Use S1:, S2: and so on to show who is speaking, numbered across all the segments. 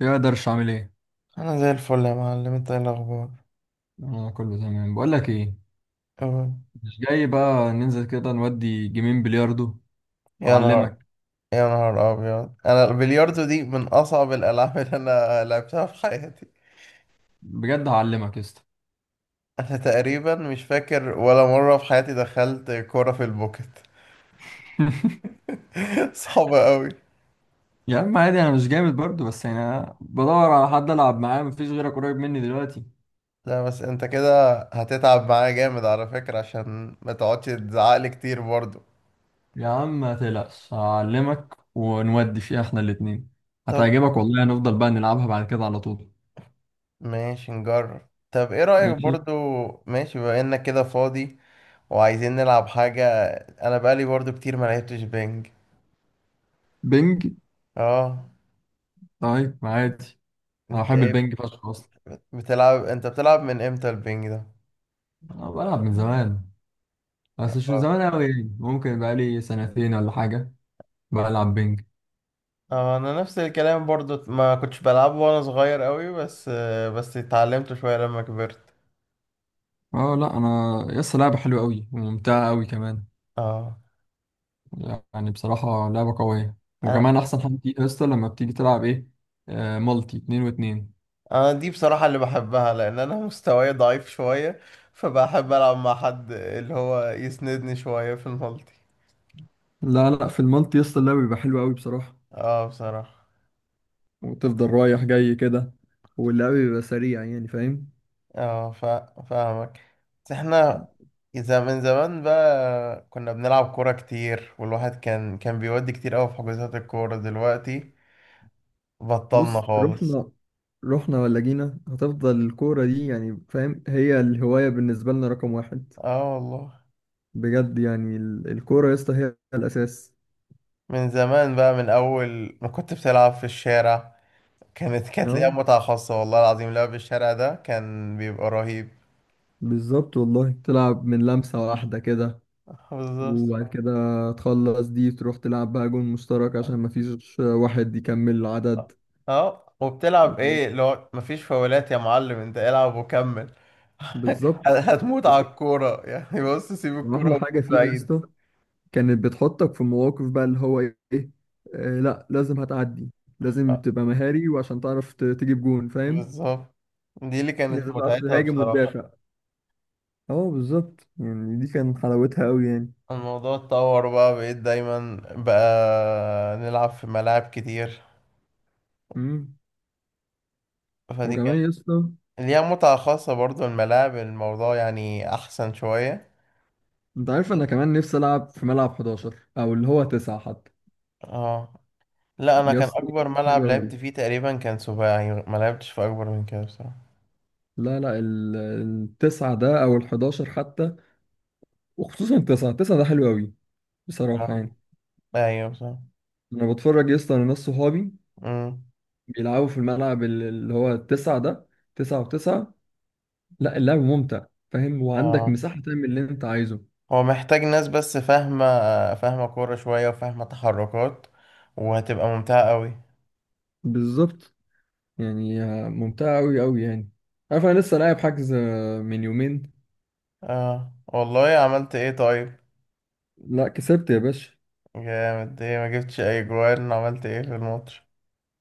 S1: يا درش عامل ايه؟
S2: انا زي الفل يا معلم، انت ايه الاخبار؟
S1: انا كله تمام، بقول لك ايه.
S2: تمام.
S1: مش جاي بقى ننزل كده نودي جيمين بلياردو؟
S2: يا نهار،
S1: اعلمك.
S2: يا نهار ابيض، انا البلياردو دي من اصعب الالعاب اللي انا لعبتها في حياتي.
S1: بجد هعلمك يا اسطى.
S2: انا تقريبا مش فاكر ولا مره في حياتي دخلت كوره في البوكت. صعبه قوي.
S1: يا عم عادي، انا مش جامد برضو، بس يعني انا بدور على حد العب معاه، مفيش غيرك قريب مني دلوقتي.
S2: لا بس انت كده هتتعب معايا جامد على فكره، عشان ما تقعدش تزعقلي كتير برضو.
S1: يا عم ما تقلقش هعلمك ونودي فيها احنا الاتنين.
S2: طب
S1: هتعجبك والله، هنفضل بقى نلعبها بعد كده على طول.
S2: ماشي نجرب. طب ايه رايك
S1: ماشي.
S2: برضو؟ ماشي، بما انك كده فاضي وعايزين نلعب حاجه. انا بقالي برضو كتير ما لعبتش بينج.
S1: بنج؟
S2: اه.
S1: طيب عادي. انا
S2: انت
S1: بحب
S2: ايه؟
S1: البنج فشخ اصلا.
S2: بتلعب؟ انت بتلعب من امتى البنج ده؟
S1: انا بلعب من زمان، بس مش من
S2: اه.
S1: زمان قوي، يعني ممكن بقالي سنتين ولا حاجة. بلعب بينج.
S2: انا نفس الكلام برضو، ما كنتش بلعبه وانا صغير قوي، بس بس اتعلمته شوية لما كبرت.
S1: اه لا انا يس، لعبة حلوة قوي وممتعة قوي كمان.
S2: اه.
S1: يعني بصراحة لعبة قوية.
S2: انا،
S1: وكمان احسن حاجة فيها يس لما بتيجي تلعب ايه. آه مالتي اتنين واتنين.
S2: أنا دي بصراحة اللي بحبها لان انا مستواي ضعيف شوية، فبحب العب مع حد اللي هو يسندني شوية في المالتي.
S1: لا لا في المالتي يس اللعب بيبقى حلو قوي بصراحة.
S2: اه بصراحة.
S1: وتفضل رايح جاي كده. واللعب بيبقى سريع، يعني فاهم.
S2: اه فاهمك. بس احنا اذا من زمان بقى كنا بنلعب كورة كتير، والواحد كان بيودي كتير قوي في حجوزات الكورة. دلوقتي بطلنا
S1: بص
S2: خالص.
S1: رحنا. رحنا ولا جينا هتفضل الكورة دي، يعني فاهم، هي الهواية بالنسبة لنا رقم واحد.
S2: اه والله.
S1: بجد يعني الكورة يا اسطى هي الأساس.
S2: من زمان بقى، من اول ما كنت بتلعب في الشارع، كانت ليها
S1: اه
S2: متعة خاصة، والله العظيم لعب الشارع ده كان بيبقى رهيب.
S1: بالظبط والله، تلعب من لمسة واحدة كده.
S2: بالظبط.
S1: وبعد كده تخلص دي تروح تلعب بقى جون مشترك عشان مفيش واحد يكمل العدد.
S2: اه، وبتلعب ايه لو مفيش فاولات؟ يا معلم انت العب وكمل.
S1: بالظبط.
S2: هتموت على
S1: وك-
S2: الكورة يعني؟ بص سيب الكورة
S1: وأحلى
S2: وموت
S1: حاجة فيها يا
S2: بعيد.
S1: اسطى كانت بتحطك في مواقف بقى اللي هو إيه. آه لا لازم هتعدي. لازم
S2: آه،
S1: تبقى مهاري وعشان تعرف تجيب جون، فاهم.
S2: بالظبط. دي اللي كانت
S1: لازم تعرف
S2: متعتها
S1: تهاجم
S2: بصراحة.
S1: وتدافع. اه بالظبط، يعني دي كان حلاوتها أوي يعني.
S2: الموضوع اتطور بقى، بقيت دايما بقى نلعب في ملاعب كتير.
S1: امم
S2: فدي كانت
S1: وكمان يا اسطى،
S2: ليها متعة خاصة برضو. الملاعب الموضوع يعني أحسن شوية.
S1: انت عارف انا كمان نفسي العب في ملعب 11 او اللي هو 9 حتى.
S2: اه لا، أنا
S1: يا
S2: كان
S1: اسطى
S2: أكبر ملعب
S1: حلو
S2: لعبت
S1: قوي.
S2: فيه تقريبا كان سباعي، ما لعبتش في أكبر من كده بصراحة.
S1: لا لا التسعة ده او ال11 حتى. وخصوصا التسعة، ده حلو قوي بصراحة
S2: اه
S1: يعني.
S2: ايوه صح.
S1: انا بتفرج يا اسطى على ناس صحابي
S2: امم.
S1: بيلعبوا في الملعب اللي هو التسعة ده. تسعة وتسعة. لا اللعب ممتع، فاهم، وعندك
S2: اه،
S1: مساحة تعمل اللي انت عايزه.
S2: هو محتاج ناس بس فاهمة، فاهمة كورة شوية وفاهمة تحركات، وهتبقى ممتعة قوي.
S1: بالظبط يعني، ممتعة قوي قوي يعني. عارف انا لسه لاعب حجز من يومين.
S2: اه والله، عملت ايه طيب؟
S1: لا كسبت يا باشا.
S2: جامد، ايه ما جبتش اي جوان؟ عملت ايه في الماتش؟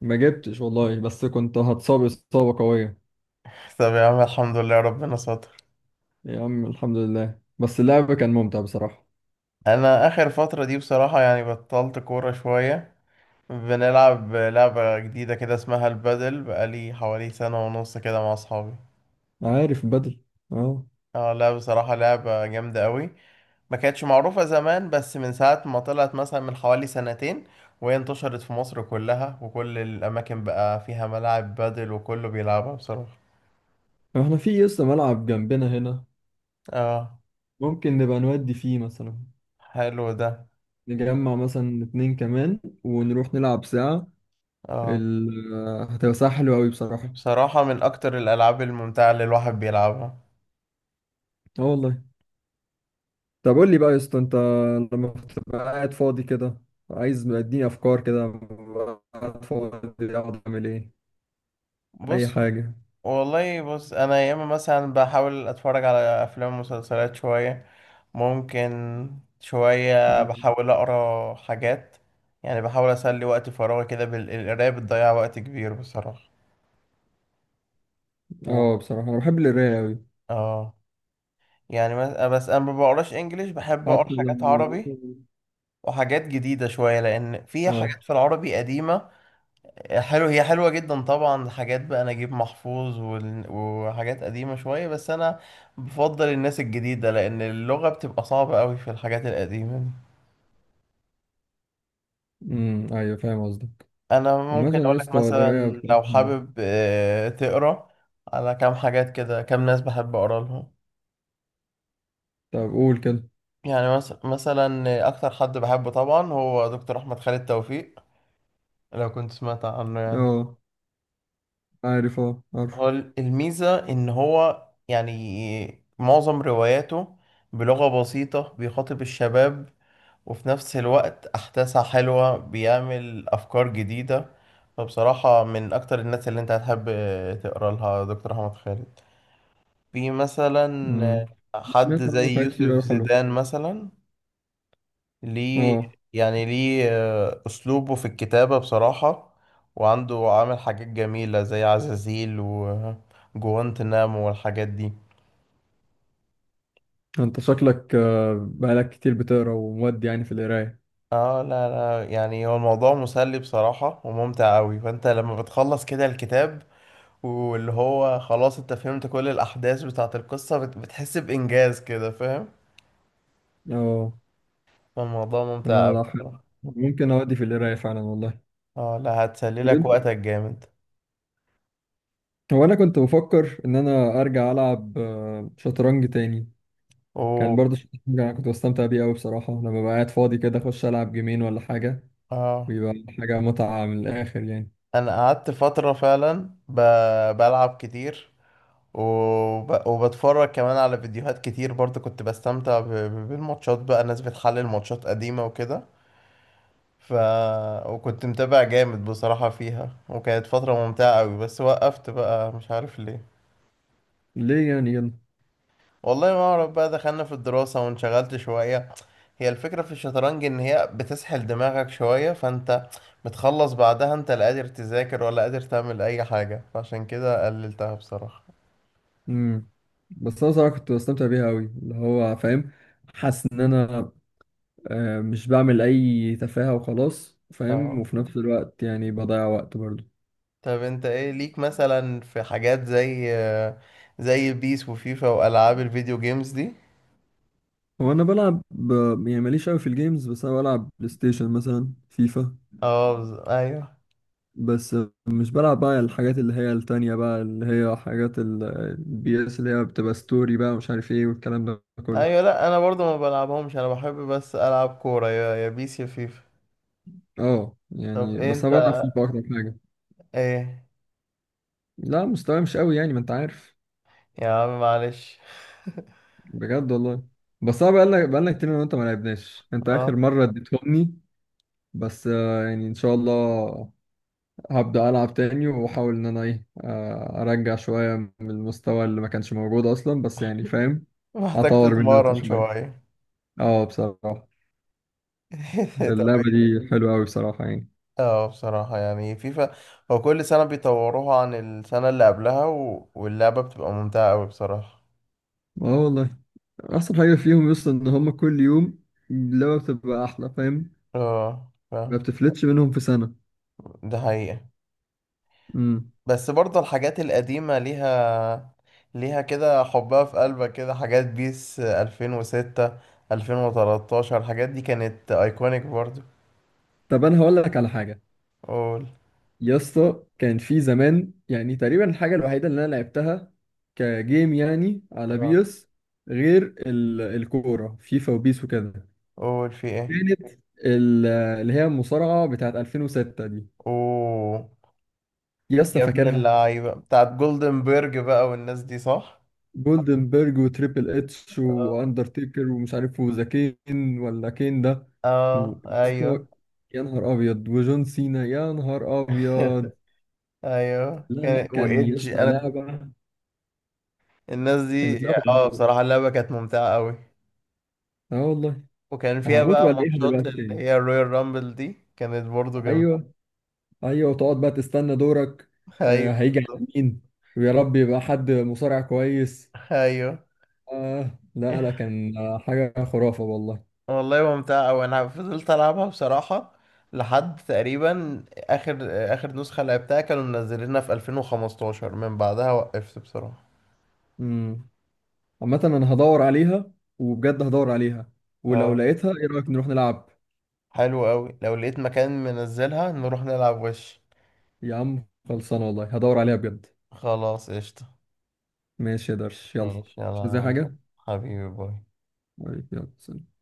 S1: ما جبتش والله، بس كنت هتصاب إصابة قوية.
S2: طب يا عم الحمد لله ربنا ستر.
S1: يا عم الحمد لله، بس اللعب كان ممتع بصراحة.
S2: انا اخر فترة دي بصراحة يعني بطلت كورة شوية. بنلعب لعبة جديدة كده اسمها البادل، بقالي حوالي سنة ونص كده مع اصحابي.
S1: عارف بدل. اه
S2: اه لا بصراحة لعبة جامدة قوي. ما كانتش معروفة زمان، بس من ساعة ما طلعت مثلا من حوالي سنتين وهي انتشرت في مصر كلها، وكل الأماكن بقى فيها ملاعب بادل وكله بيلعبها بصراحة.
S1: احنا في لسه ملعب جنبنا هنا.
S2: اه.
S1: ممكن نبقى نودي فيه مثلا.
S2: حلو ده.
S1: نجمع مثلا اتنين كمان ونروح نلعب ساعة.
S2: اه
S1: ال... آه، هتبقى ساعة حلوة أوي بصراحة.
S2: بصراحة من أكتر الألعاب الممتعة اللي الواحد بيلعبها.
S1: اه والله. طب قول لي بقى يا اسطى انت، لما بتبقى قاعد فاضي كده، عايز اديني افكار كده، ببقى قاعد فاضي اقعد اعمل ايه؟ اي
S2: بص،
S1: حاجة.
S2: والله بص، أنا ياما مثلا بحاول أتفرج على أفلام ومسلسلات شوية، ممكن شوية
S1: مم.
S2: بحاول أقرأ حاجات. يعني بحاول أسلي وقت فراغي كده بالقراية، بتضيع وقت كبير بصراحة. و...
S1: اه بصراحة انا بحب القراية أوي.
S2: اه. يعني بس انا ما بقراش انجليش، بحب اقرا
S1: حتى
S2: حاجات
S1: لما
S2: عربي
S1: مثلا.
S2: وحاجات جديدة شوية، لأن في حاجات
S1: اه.
S2: في العربي قديمة. حلو، هي حلوة جدا طبعا، حاجات بقى نجيب محفوظ وحاجات قديمة شوية، بس أنا بفضل الناس الجديدة لأن اللغة بتبقى صعبة أوي في الحاجات القديمة دي.
S1: امم، ايوه فاهم قصدك.
S2: أنا ممكن
S1: عامة يا
S2: أقولك
S1: اسطى
S2: مثلا
S1: القراية بتبقى
S2: لو
S1: حلوة.
S2: حابب تقرا على كام حاجات كده، كام ناس بحب أقرا لهم.
S1: طب قول كده.
S2: يعني مثلا أكتر حد بحبه طبعا هو دكتور أحمد خالد توفيق، لو كنت سمعت عنه يعني.
S1: اه عارف، اه عارف.
S2: هو الميزة إن هو يعني معظم رواياته بلغة بسيطة بيخاطب الشباب، وفي نفس الوقت أحداثها حلوة، بيعمل أفكار جديدة. فبصراحة من أكتر الناس اللي أنت هتحب تقرأ لها دكتور أحمد خالد. في
S1: امم.
S2: مثلا حد
S1: سمعت
S2: زي
S1: عنه حاجات كتير
S2: يوسف
S1: اوي حلوة.
S2: زيدان مثلا. ليه؟
S1: اه.
S2: يعني ليه؟ أسلوبه في الكتابة بصراحة، وعنده عامل حاجات جميلة زي عزازيل وجوانتنامو والحاجات دي.
S1: انت شكلك بقالك كتير بتقرا ومودي يعني في القراية.
S2: اه لا لا، يعني هو الموضوع مسلي بصراحة وممتع أوي، فأنت لما بتخلص كده الكتاب واللي هو خلاص انت فهمت كل الأحداث بتاعة القصة، بتحس بإنجاز كده فاهم.
S1: اه
S2: فالموضوع ممتع
S1: لا
S2: أوي
S1: لا حلو،
S2: بصراحة.
S1: ممكن اودي في القراية فعلا والله.
S2: اه لا، هتسلي
S1: طب
S2: لك
S1: انت؟
S2: وقتك جامد.
S1: هو انا كنت بفكر ان انا ارجع العب شطرنج تاني. كان برضه
S2: اوه.
S1: شطرنج انا كنت بستمتع بيه قوي بصراحة، لما ببقى قاعد فاضي كده اخش العب جيمين ولا حاجة.
S2: اه،
S1: بيبقى حاجة متعة من الآخر يعني.
S2: انا قعدت فترة فعلا بلعب كتير، وبتفرج كمان على فيديوهات كتير، برضه كنت بستمتع بالماتشات بقى، ناس بتحلل ماتشات قديمة وكده. ف، وكنت متابع جامد بصراحة فيها، وكانت فترة ممتعة قوي، بس وقفت بقى مش عارف ليه.
S1: ليه يعني يلا.
S2: والله ما اعرف بقى، دخلنا في الدراسة وانشغلت شوية. هي الفكرة في الشطرنج ان هي بتسحل دماغك شوية، فانت بتخلص بعدها انت لا قادر تذاكر ولا قادر تعمل اي حاجة، فعشان كده قللتها بصراحة.
S1: مم. بس أنا صراحة كنت بستمتع بيها أوي، اللي هو فاهم، حاسس إن أنا مش بعمل أي تفاهة وخلاص، فاهم،
S2: اه.
S1: وفي نفس الوقت يعني بضيع وقت برضه.
S2: طب انت ايه ليك مثلا في حاجات زي زي بيس وفيفا والعاب الفيديو جيمز دي؟
S1: هو أنا بلعب يعني ماليش أوي في الجيمز، بس أنا بلعب بلاي ستيشن مثلا فيفا.
S2: اه ايوه.
S1: بس مش بلعب بقى الحاجات اللي هي التانية بقى، اللي هي حاجات البي اس اللي هي بتبقى ستوري بقى مش عارف ايه والكلام ده كله.
S2: ايوه لا، انا برضو ما بلعبهمش، انا بحب بس العب كوره، يا يا بيس يا فيفا.
S1: اه
S2: طب
S1: يعني، بس انا بلعب
S2: انت
S1: فيفا اكتر حاجة.
S2: ايه؟
S1: لا مستواي مش قوي يعني، ما انت عارف.
S2: يا عم معلش.
S1: بجد والله. بس انا بقالنا كتير انا وانت ما لعبناش، انت اخر
S2: اه
S1: مره اديتهمني. بس يعني ان شاء الله هبدا العب تاني واحاول ان انا ايه، ارجع شويه من المستوى اللي ما كانش موجود اصلا، بس يعني فاهم،
S2: محتاج
S1: اطور من نفسي
S2: تتمرن
S1: شويه.
S2: شويه.
S1: اه بصراحه،
S2: طب
S1: اللعبه
S2: ايه.
S1: دي حلوه قوي بصراحه يعني.
S2: اه بصراحه، يعني فيفا هو كل سنه بيطوروها عن السنه اللي قبلها، واللعبه بتبقى ممتعه قوي بصراحه.
S1: اه والله، احسن حاجه فيهم يوصل ان هم كل يوم اللعبه بتبقى احلى، فاهم.
S2: اه
S1: ما
S2: فاهم.
S1: بتفلتش منهم في سنه.
S2: ده حقيقة.
S1: امم.
S2: بس برضه الحاجات القديمة ليها، ليها كده حبها في قلبك، كده حاجات بيس 2006، 2013، الحاجات دي كانت ايكونيك برضه.
S1: طب انا هقول لك على حاجه.
S2: قول.
S1: يا اسطى كان في زمان، يعني تقريبا الحاجة الوحيدة اللي أنا لعبتها كجيم يعني على
S2: اه
S1: بيس، غير الكورة فيفا وبيس وكده،
S2: قول في ايه.
S1: كانت ال- اللي هي المصارعة بتاعت 2006 دي.
S2: اوه.
S1: يا اسطى
S2: يا ابن
S1: فاكرها.
S2: اللعيبة بتاعت جولدن بيرج بقى والناس دي، صح.
S1: جولدنبرج وتريبل اتش
S2: اه.
S1: واندرتيكر ومش عارف وذا كين ولا كين ده. و-
S2: اه
S1: يا اسطى،
S2: ايوه.
S1: يا نهار ابيض، وجون سينا، يا نهار ابيض.
S2: ايوه
S1: لا لا
S2: كان
S1: كان يا
S2: وايدج
S1: اسطى
S2: انا،
S1: لعبة،
S2: الناس دي.
S1: كانت لعبة
S2: اه
S1: رهيبة.
S2: بصراحة اللعبة كانت ممتعة قوي.
S1: اه والله.
S2: وكان فيها
S1: هموت
S2: بقى
S1: ولا ايه
S2: ماتشات
S1: دلوقتي
S2: اللي
S1: تاني.
S2: هي الرويال رامبل دي، كانت برضه جميلة.
S1: ايوه. ايوه تقعد بقى تستنى دورك. آه
S2: ايوه.
S1: هيجي
S2: بالظبط.
S1: على مين. ويا رب يبقى حد مصارع كويس.
S2: ايوه.
S1: آه لا لا كان حاجه خرافه والله.
S2: والله ممتعة أوي، أنا فضلت ألعبها بصراحة لحد تقريبا آخر، آخر نسخة لعبتها كانوا منزلينها في 2015، من بعدها وقفت بصراحة.
S1: امم. عامه انا هدور عليها. وبجد هدور عليها. ولو
S2: اه.
S1: لقيتها ايه رايك نروح نلعب.
S2: حلو أوي، لو لقيت مكان منزلها نروح نلعب وش.
S1: يا عم خلصانه والله، هدور عليها بجد.
S2: خلاص قشطة.
S1: ماشي يا درش، يلا.
S2: ماشي
S1: مش
S2: يلا يا
S1: زي
S2: معلم.
S1: حاجه.
S2: حبيبي باي.
S1: طيب، يلا سلام.